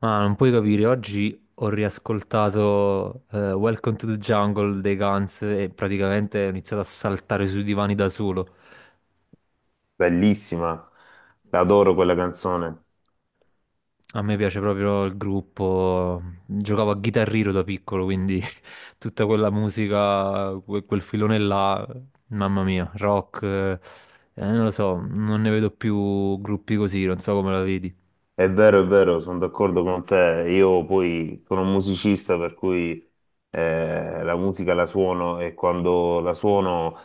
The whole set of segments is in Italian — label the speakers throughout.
Speaker 1: Ma non puoi capire, oggi ho riascoltato Welcome to the Jungle dei Guns e praticamente ho iniziato a saltare sui divani da solo.
Speaker 2: Bellissima, adoro quella canzone.
Speaker 1: A me piace proprio il gruppo, giocavo a Guitar Hero da piccolo, quindi tutta quella musica, quel filone là, mamma mia, rock, non lo so, non ne vedo più gruppi così, non so come la vedi.
Speaker 2: È vero, sono d'accordo con te. Io poi sono un musicista, per cui la musica la suono e quando la suono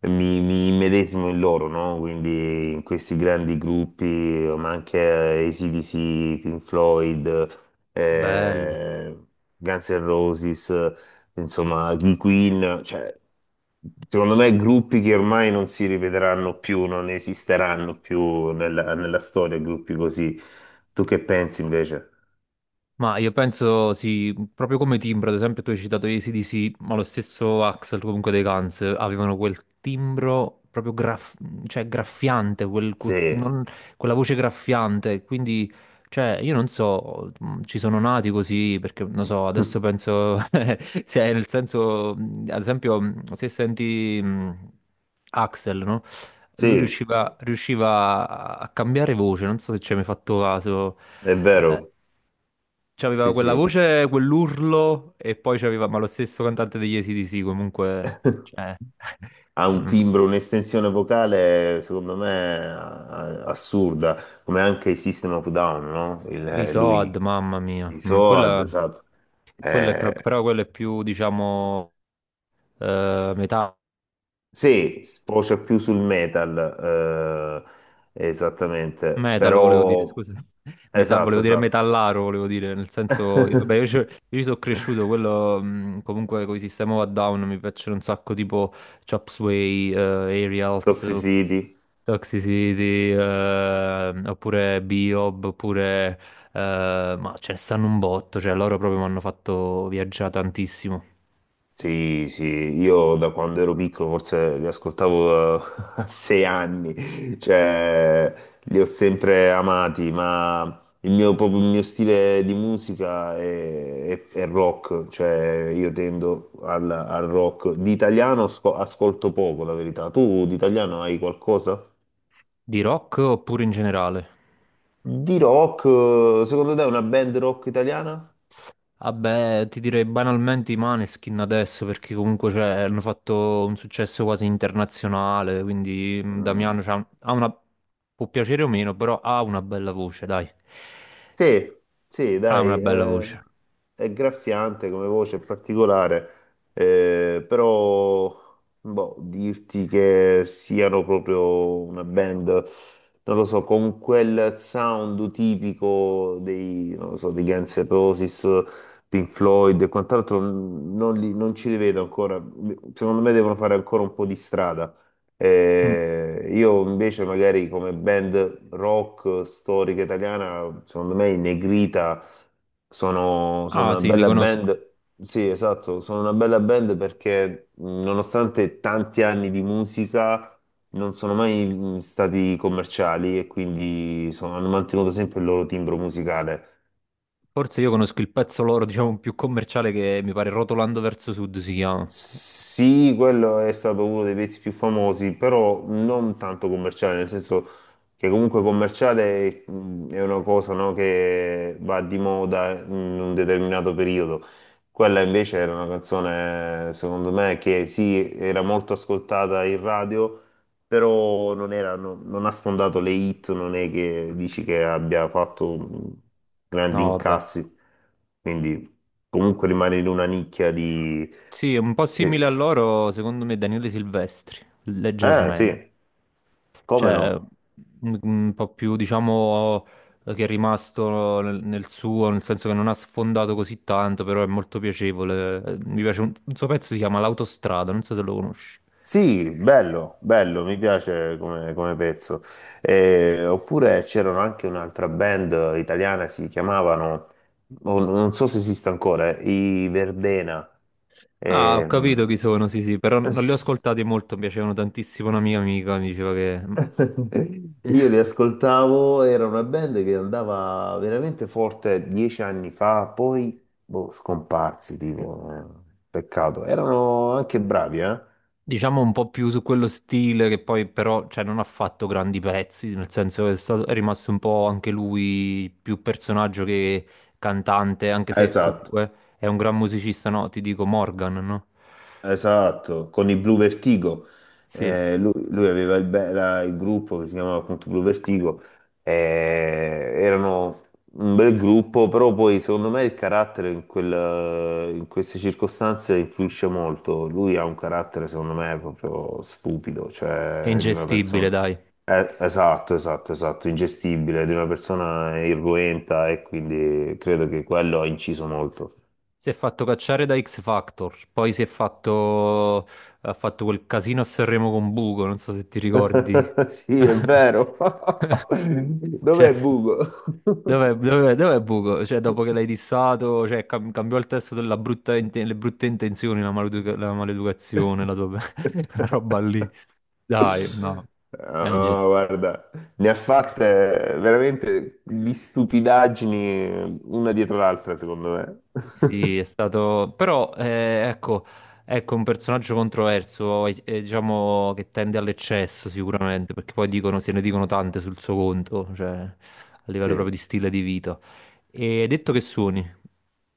Speaker 2: mi immedesimo in loro, no? Quindi in questi grandi gruppi, ma anche AC/DC, Pink Floyd,
Speaker 1: Bello.
Speaker 2: eh, Guns N' Roses, insomma, King Queen, cioè, secondo me gruppi che ormai non si rivedranno più, non esisteranno più nella storia, gruppi così. Tu che pensi invece?
Speaker 1: Ma io penso, sì, proprio come timbro, ad esempio tu hai citato gli AC/DC, ma lo stesso Axl comunque dei Guns avevano quel timbro proprio cioè, graffiante,
Speaker 2: Sì,
Speaker 1: quella voce graffiante, quindi cioè, io non so, ci sono nati così, perché non so, adesso penso, se nel senso, ad esempio, se senti Axl, no? Lui
Speaker 2: sì,
Speaker 1: riusciva, riusciva a cambiare voce, non so se ci hai mai fatto caso.
Speaker 2: è
Speaker 1: eh,
Speaker 2: vero, sì,
Speaker 1: C'aveva quella
Speaker 2: sì.
Speaker 1: voce, quell'urlo e poi c'aveva, ma lo stesso cantante degli AC/DC comunque, cioè,
Speaker 2: Ha un
Speaker 1: mm,
Speaker 2: timbro, un'estensione vocale, secondo me, assurda, come anche i System of Down, no?
Speaker 1: i Soad,
Speaker 2: Lui,
Speaker 1: mamma mia,
Speaker 2: i
Speaker 1: mm,
Speaker 2: Soad,
Speaker 1: quella,
Speaker 2: esatto. Eh,
Speaker 1: però quella è più, diciamo, metallica.
Speaker 2: Sì, sfocia più sul metal, esattamente,
Speaker 1: Metal volevo dire,
Speaker 2: però
Speaker 1: scusa,
Speaker 2: esatto,
Speaker 1: volevo dire
Speaker 2: esatto.
Speaker 1: metallaro, volevo dire, nel senso, io, vabbè, io, io ci sono cresciuto, quello comunque con i System of a Down mi piacciono un sacco, tipo Chop Sway, Aerials,
Speaker 2: Toxicity,
Speaker 1: Toxicity, oppure Biob, oppure, ma ce ne stanno un botto, cioè loro proprio mi hanno fatto viaggiare tantissimo.
Speaker 2: sì, sì, io da quando ero piccolo forse li ascoltavo a 6 anni, cioè li ho sempre amati, ma il mio, proprio il mio stile di musica è, è rock, cioè io tendo al rock. Di italiano ascolto poco, la verità. Tu di italiano hai qualcosa?
Speaker 1: Di rock oppure in generale?
Speaker 2: Di rock, secondo te è una band rock italiana?
Speaker 1: Vabbè, ti direi banalmente i Maneskin adesso perché comunque cioè, hanno fatto un successo quasi internazionale, quindi Damiano
Speaker 2: Mm.
Speaker 1: ha una... può piacere o meno, però ha una bella voce, dai.
Speaker 2: Sì, sì,
Speaker 1: Ha una
Speaker 2: dai,
Speaker 1: bella voce.
Speaker 2: è graffiante come voce, è particolare, però boh, dirti che siano proprio una band, non lo so, con quel sound tipico dei, non lo so, dei Guns N' Roses, Pink Floyd e quant'altro, non, non ci li vedo ancora, secondo me devono fare ancora un po' di strada.
Speaker 1: Mm.
Speaker 2: Io invece magari come band rock storica italiana, secondo me i Negrita sono
Speaker 1: Ah
Speaker 2: una
Speaker 1: sì, li
Speaker 2: bella
Speaker 1: conosco.
Speaker 2: band. Sì, esatto, sono una bella band perché nonostante tanti anni di musica non sono mai stati commerciali e quindi hanno mantenuto sempre il loro timbro musicale.
Speaker 1: Forse io conosco il pezzo loro, diciamo, più commerciale, che mi pare Rotolando verso Sud si chiama.
Speaker 2: Sì, quello è stato uno dei pezzi più famosi, però non tanto commerciale, nel senso che comunque commerciale è una cosa, no, che va di moda in un determinato periodo. Quella invece era una canzone, secondo me, che sì, era molto ascoltata in radio, però non era, non ha sfondato le hit, non è che dici che abbia fatto grandi
Speaker 1: No, vabbè.
Speaker 2: incassi, quindi comunque rimane in una nicchia di.
Speaker 1: Sì, è un po'
Speaker 2: Eh,
Speaker 1: simile a loro, secondo me, Daniele Silvestri,
Speaker 2: eh,
Speaker 1: leggermente.
Speaker 2: sì, come
Speaker 1: Cioè,
Speaker 2: no?
Speaker 1: un po' più, diciamo, che è rimasto nel, nel suo, nel senso che non ha sfondato così tanto, però è molto piacevole. Mi piace un suo pezzo, si chiama L'autostrada, non so se lo conosci.
Speaker 2: Sì, bello, bello, mi piace come pezzo. Oppure c'erano anche un'altra band italiana, si chiamavano, o non so se esiste ancora, i Verdena.
Speaker 1: Ah, ho
Speaker 2: Ehm,
Speaker 1: capito chi sono, sì, sì, però non li ho
Speaker 2: s-
Speaker 1: ascoltati molto, mi piacevano tantissimo. Una mia amica mi diceva che
Speaker 2: Io li ascoltavo, era una band che andava veramente forte 10 anni fa, poi boh, scomparsi, tipo, peccato. Erano anche bravi, eh?
Speaker 1: diciamo un po' più su quello stile, che poi però cioè, non ha fatto grandi pezzi, nel senso che è rimasto un po' anche lui più personaggio che cantante, anche se
Speaker 2: Esatto,
Speaker 1: comunque è un gran musicista, no? Ti dico Morgan, no?
Speaker 2: esatto, con i Blue Vertigo.
Speaker 1: Sì,
Speaker 2: Lui aveva il, il gruppo che si chiamava appunto Blue Vertigo. Eh, Erano un bel gruppo, però poi secondo me il carattere in, in queste circostanze influisce molto. Lui ha un carattere, secondo me, proprio stupido,
Speaker 1: è
Speaker 2: cioè di una
Speaker 1: ingestibile,
Speaker 2: persona.
Speaker 1: dai.
Speaker 2: Esatto, esatto, esatto, ingestibile, di una persona irruenta e quindi credo che quello ha inciso molto.
Speaker 1: Si è fatto cacciare da X Factor, poi si è fatto... ha fatto quel casino a Sanremo con Bugo, non so se ti ricordi.
Speaker 2: Sì, è vero.
Speaker 1: Cioè...
Speaker 2: Dov'è Bugo?
Speaker 1: Dov'è il buco? Cioè, dopo che l'hai dissato, cioè, cambiò il testo della le brutte intenzioni, la la maleducazione, la tua la roba lì. Dai, no. Dai, inge-
Speaker 2: No, guarda, ne ha fatte veramente di stupidaggini una dietro l'altra, secondo me.
Speaker 1: sì, è stato... Però, ecco, ecco, un personaggio controverso, diciamo, che tende all'eccesso sicuramente, perché poi dicono, se ne dicono tante sul suo conto, cioè, a livello proprio
Speaker 2: Sì.
Speaker 1: di stile di vita. E hai detto che suoni?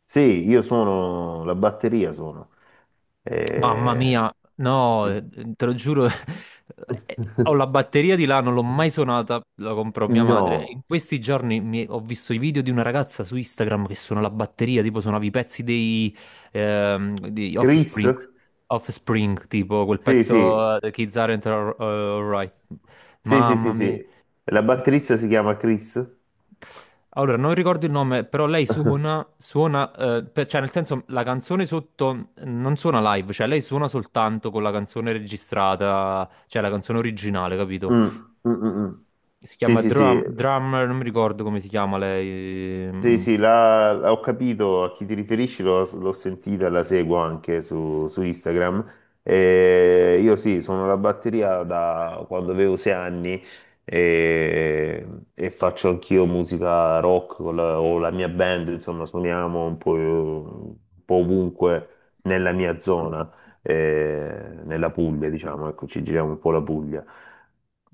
Speaker 2: Sì, io sono la batteria, sono.
Speaker 1: Mamma
Speaker 2: Eh,
Speaker 1: mia, no, te lo giuro, ho la batteria di là, non l'ho mai suonata, la comprò mia madre. E in
Speaker 2: No,
Speaker 1: questi giorni ho visto i video di una ragazza su Instagram che suona la batteria, tipo suonava i pezzi dei, di
Speaker 2: Chris?
Speaker 1: Offspring, Offspring, tipo quel
Speaker 2: Sì,
Speaker 1: pezzo
Speaker 2: sì,
Speaker 1: The Kids Aren't Alright.
Speaker 2: S- Sì, sì, sì,
Speaker 1: Mamma mia.
Speaker 2: sì. La batterista si chiama Chris.
Speaker 1: Allora, non ricordo il nome, però lei suona, suona, cioè nel senso la canzone sotto non suona live, cioè lei suona soltanto con la canzone registrata, cioè la canzone originale,
Speaker 2: Mm,
Speaker 1: capito?
Speaker 2: mm, mm, mm.
Speaker 1: Si
Speaker 2: Sì,
Speaker 1: chiama
Speaker 2: sì,
Speaker 1: Drum,
Speaker 2: sì.
Speaker 1: Drummer, non mi ricordo come si chiama lei.
Speaker 2: Sì,
Speaker 1: Mm.
Speaker 2: sì, ho capito a chi ti riferisci, l'ho sentita, la seguo anche su Instagram. E io sì, sono la batteria da quando avevo 6 anni e, e faccio anch'io musica rock con o la mia band, insomma, suoniamo un po' ovunque nella mia zona, nella Puglia, diciamo, ecco, ci giriamo un po' la Puglia.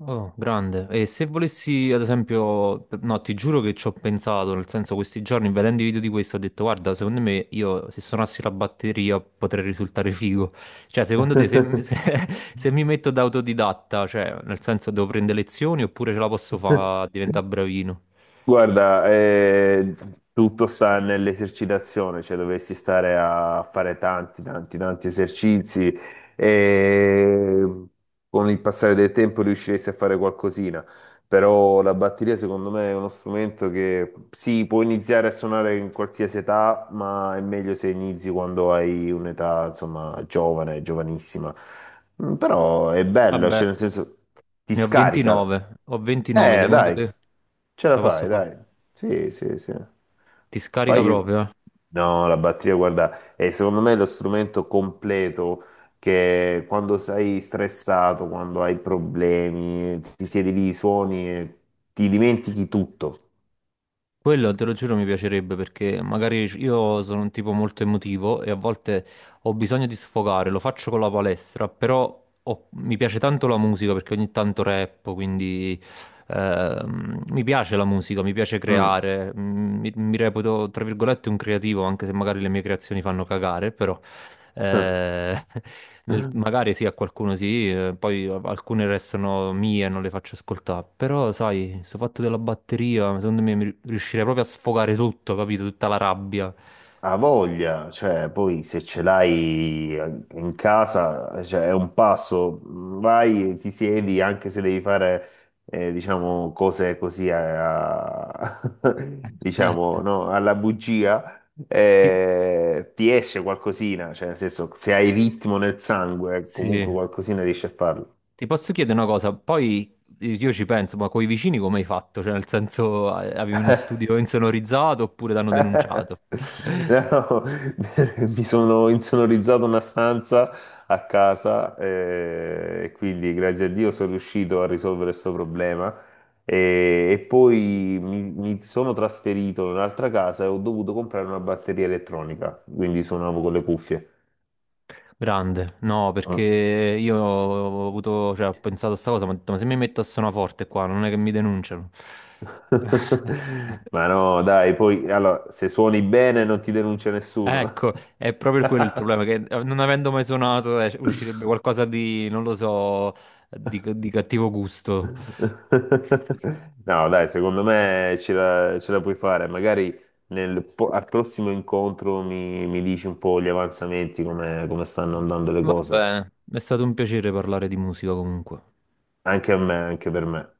Speaker 1: Oh, grande. E se volessi, ad esempio, no, ti giuro che ci ho pensato, nel senso questi giorni vedendo i video di questo ho detto, guarda, secondo me io se suonassi la batteria potrei risultare figo. Cioè, secondo te se, se mi metto da autodidatta, cioè, nel senso devo prendere lezioni oppure ce la posso fare a diventare bravino?
Speaker 2: Guarda, tutto sta nell'esercitazione, cioè dovresti stare a fare tanti, tanti, tanti esercizi e con il passare del tempo riusciresti a fare qualcosina, però la batteria secondo me è uno strumento che sì, può iniziare a suonare in qualsiasi età, ma è meglio se inizi quando hai un'età, insomma, giovane, giovanissima. Però è bello,
Speaker 1: Vabbè,
Speaker 2: cioè nel senso ti
Speaker 1: ne ho
Speaker 2: scarica.
Speaker 1: 29, ho 29, secondo
Speaker 2: Dai.
Speaker 1: te
Speaker 2: Ce
Speaker 1: ce
Speaker 2: la
Speaker 1: la posso
Speaker 2: fai,
Speaker 1: fare?
Speaker 2: dai. Sì, sì, sì.
Speaker 1: Ti scarica
Speaker 2: Poi io-
Speaker 1: proprio, eh?
Speaker 2: No, la batteria, guarda, è secondo me lo strumento completo che quando sei stressato, quando hai problemi, ti siedi lì, suoni e ti dimentichi tutto.
Speaker 1: Quello te lo giuro mi piacerebbe perché magari io sono un tipo molto emotivo e a volte ho bisogno di sfogare, lo faccio con la palestra, però mi piace tanto la musica perché ogni tanto rappo, quindi mi piace la musica, mi piace
Speaker 2: Mm.
Speaker 1: creare, mm, mi reputo tra virgolette un creativo anche se magari le mie creazioni fanno cagare, però eh, magari sì, a qualcuno sì, poi alcune restano mie e non le faccio ascoltare. Però, sai, questo fatto della batteria, secondo me riuscirei proprio a sfogare tutto, capito? Tutta la rabbia.
Speaker 2: Ha voglia, cioè poi se ce l'hai in casa, cioè, è un passo, vai, ti siedi, anche se devi fare, diciamo, cose così,
Speaker 1: Eh,
Speaker 2: diciamo, no, alla bugia,
Speaker 1: ti,
Speaker 2: ti esce qualcosina, cioè nel senso, se hai ritmo nel sangue,
Speaker 1: sì.
Speaker 2: comunque qualcosina riesci a farlo.
Speaker 1: Ti posso chiedere una cosa? Poi io ci penso, ma coi vicini come hai fatto? Cioè, nel senso, avevi uno studio insonorizzato oppure t'hanno denunciato?
Speaker 2: No, mi sono insonorizzato una stanza a casa e quindi grazie a Dio sono riuscito a risolvere questo problema e poi mi sono trasferito in un'altra casa e ho dovuto comprare una batteria elettronica, quindi suonavo con le cuffie.
Speaker 1: Grande, no, perché
Speaker 2: Mm.
Speaker 1: io ho avuto, cioè, ho pensato a sta cosa, ma ho detto, ma se mi metto a suonaforte qua, non è che mi denunciano.
Speaker 2: Ma no, dai, poi allora, se suoni bene non ti denuncia nessuno.
Speaker 1: Ecco, è proprio quello il problema, che non avendo mai suonato, uscirebbe qualcosa di, non lo so, di cattivo gusto.
Speaker 2: No, dai, secondo me ce la puoi fare. Magari al prossimo incontro mi dici un po' gli avanzamenti, come stanno andando le
Speaker 1: Va
Speaker 2: cose.
Speaker 1: bene, è stato un piacere parlare di musica comunque.
Speaker 2: Anche a me, anche per me.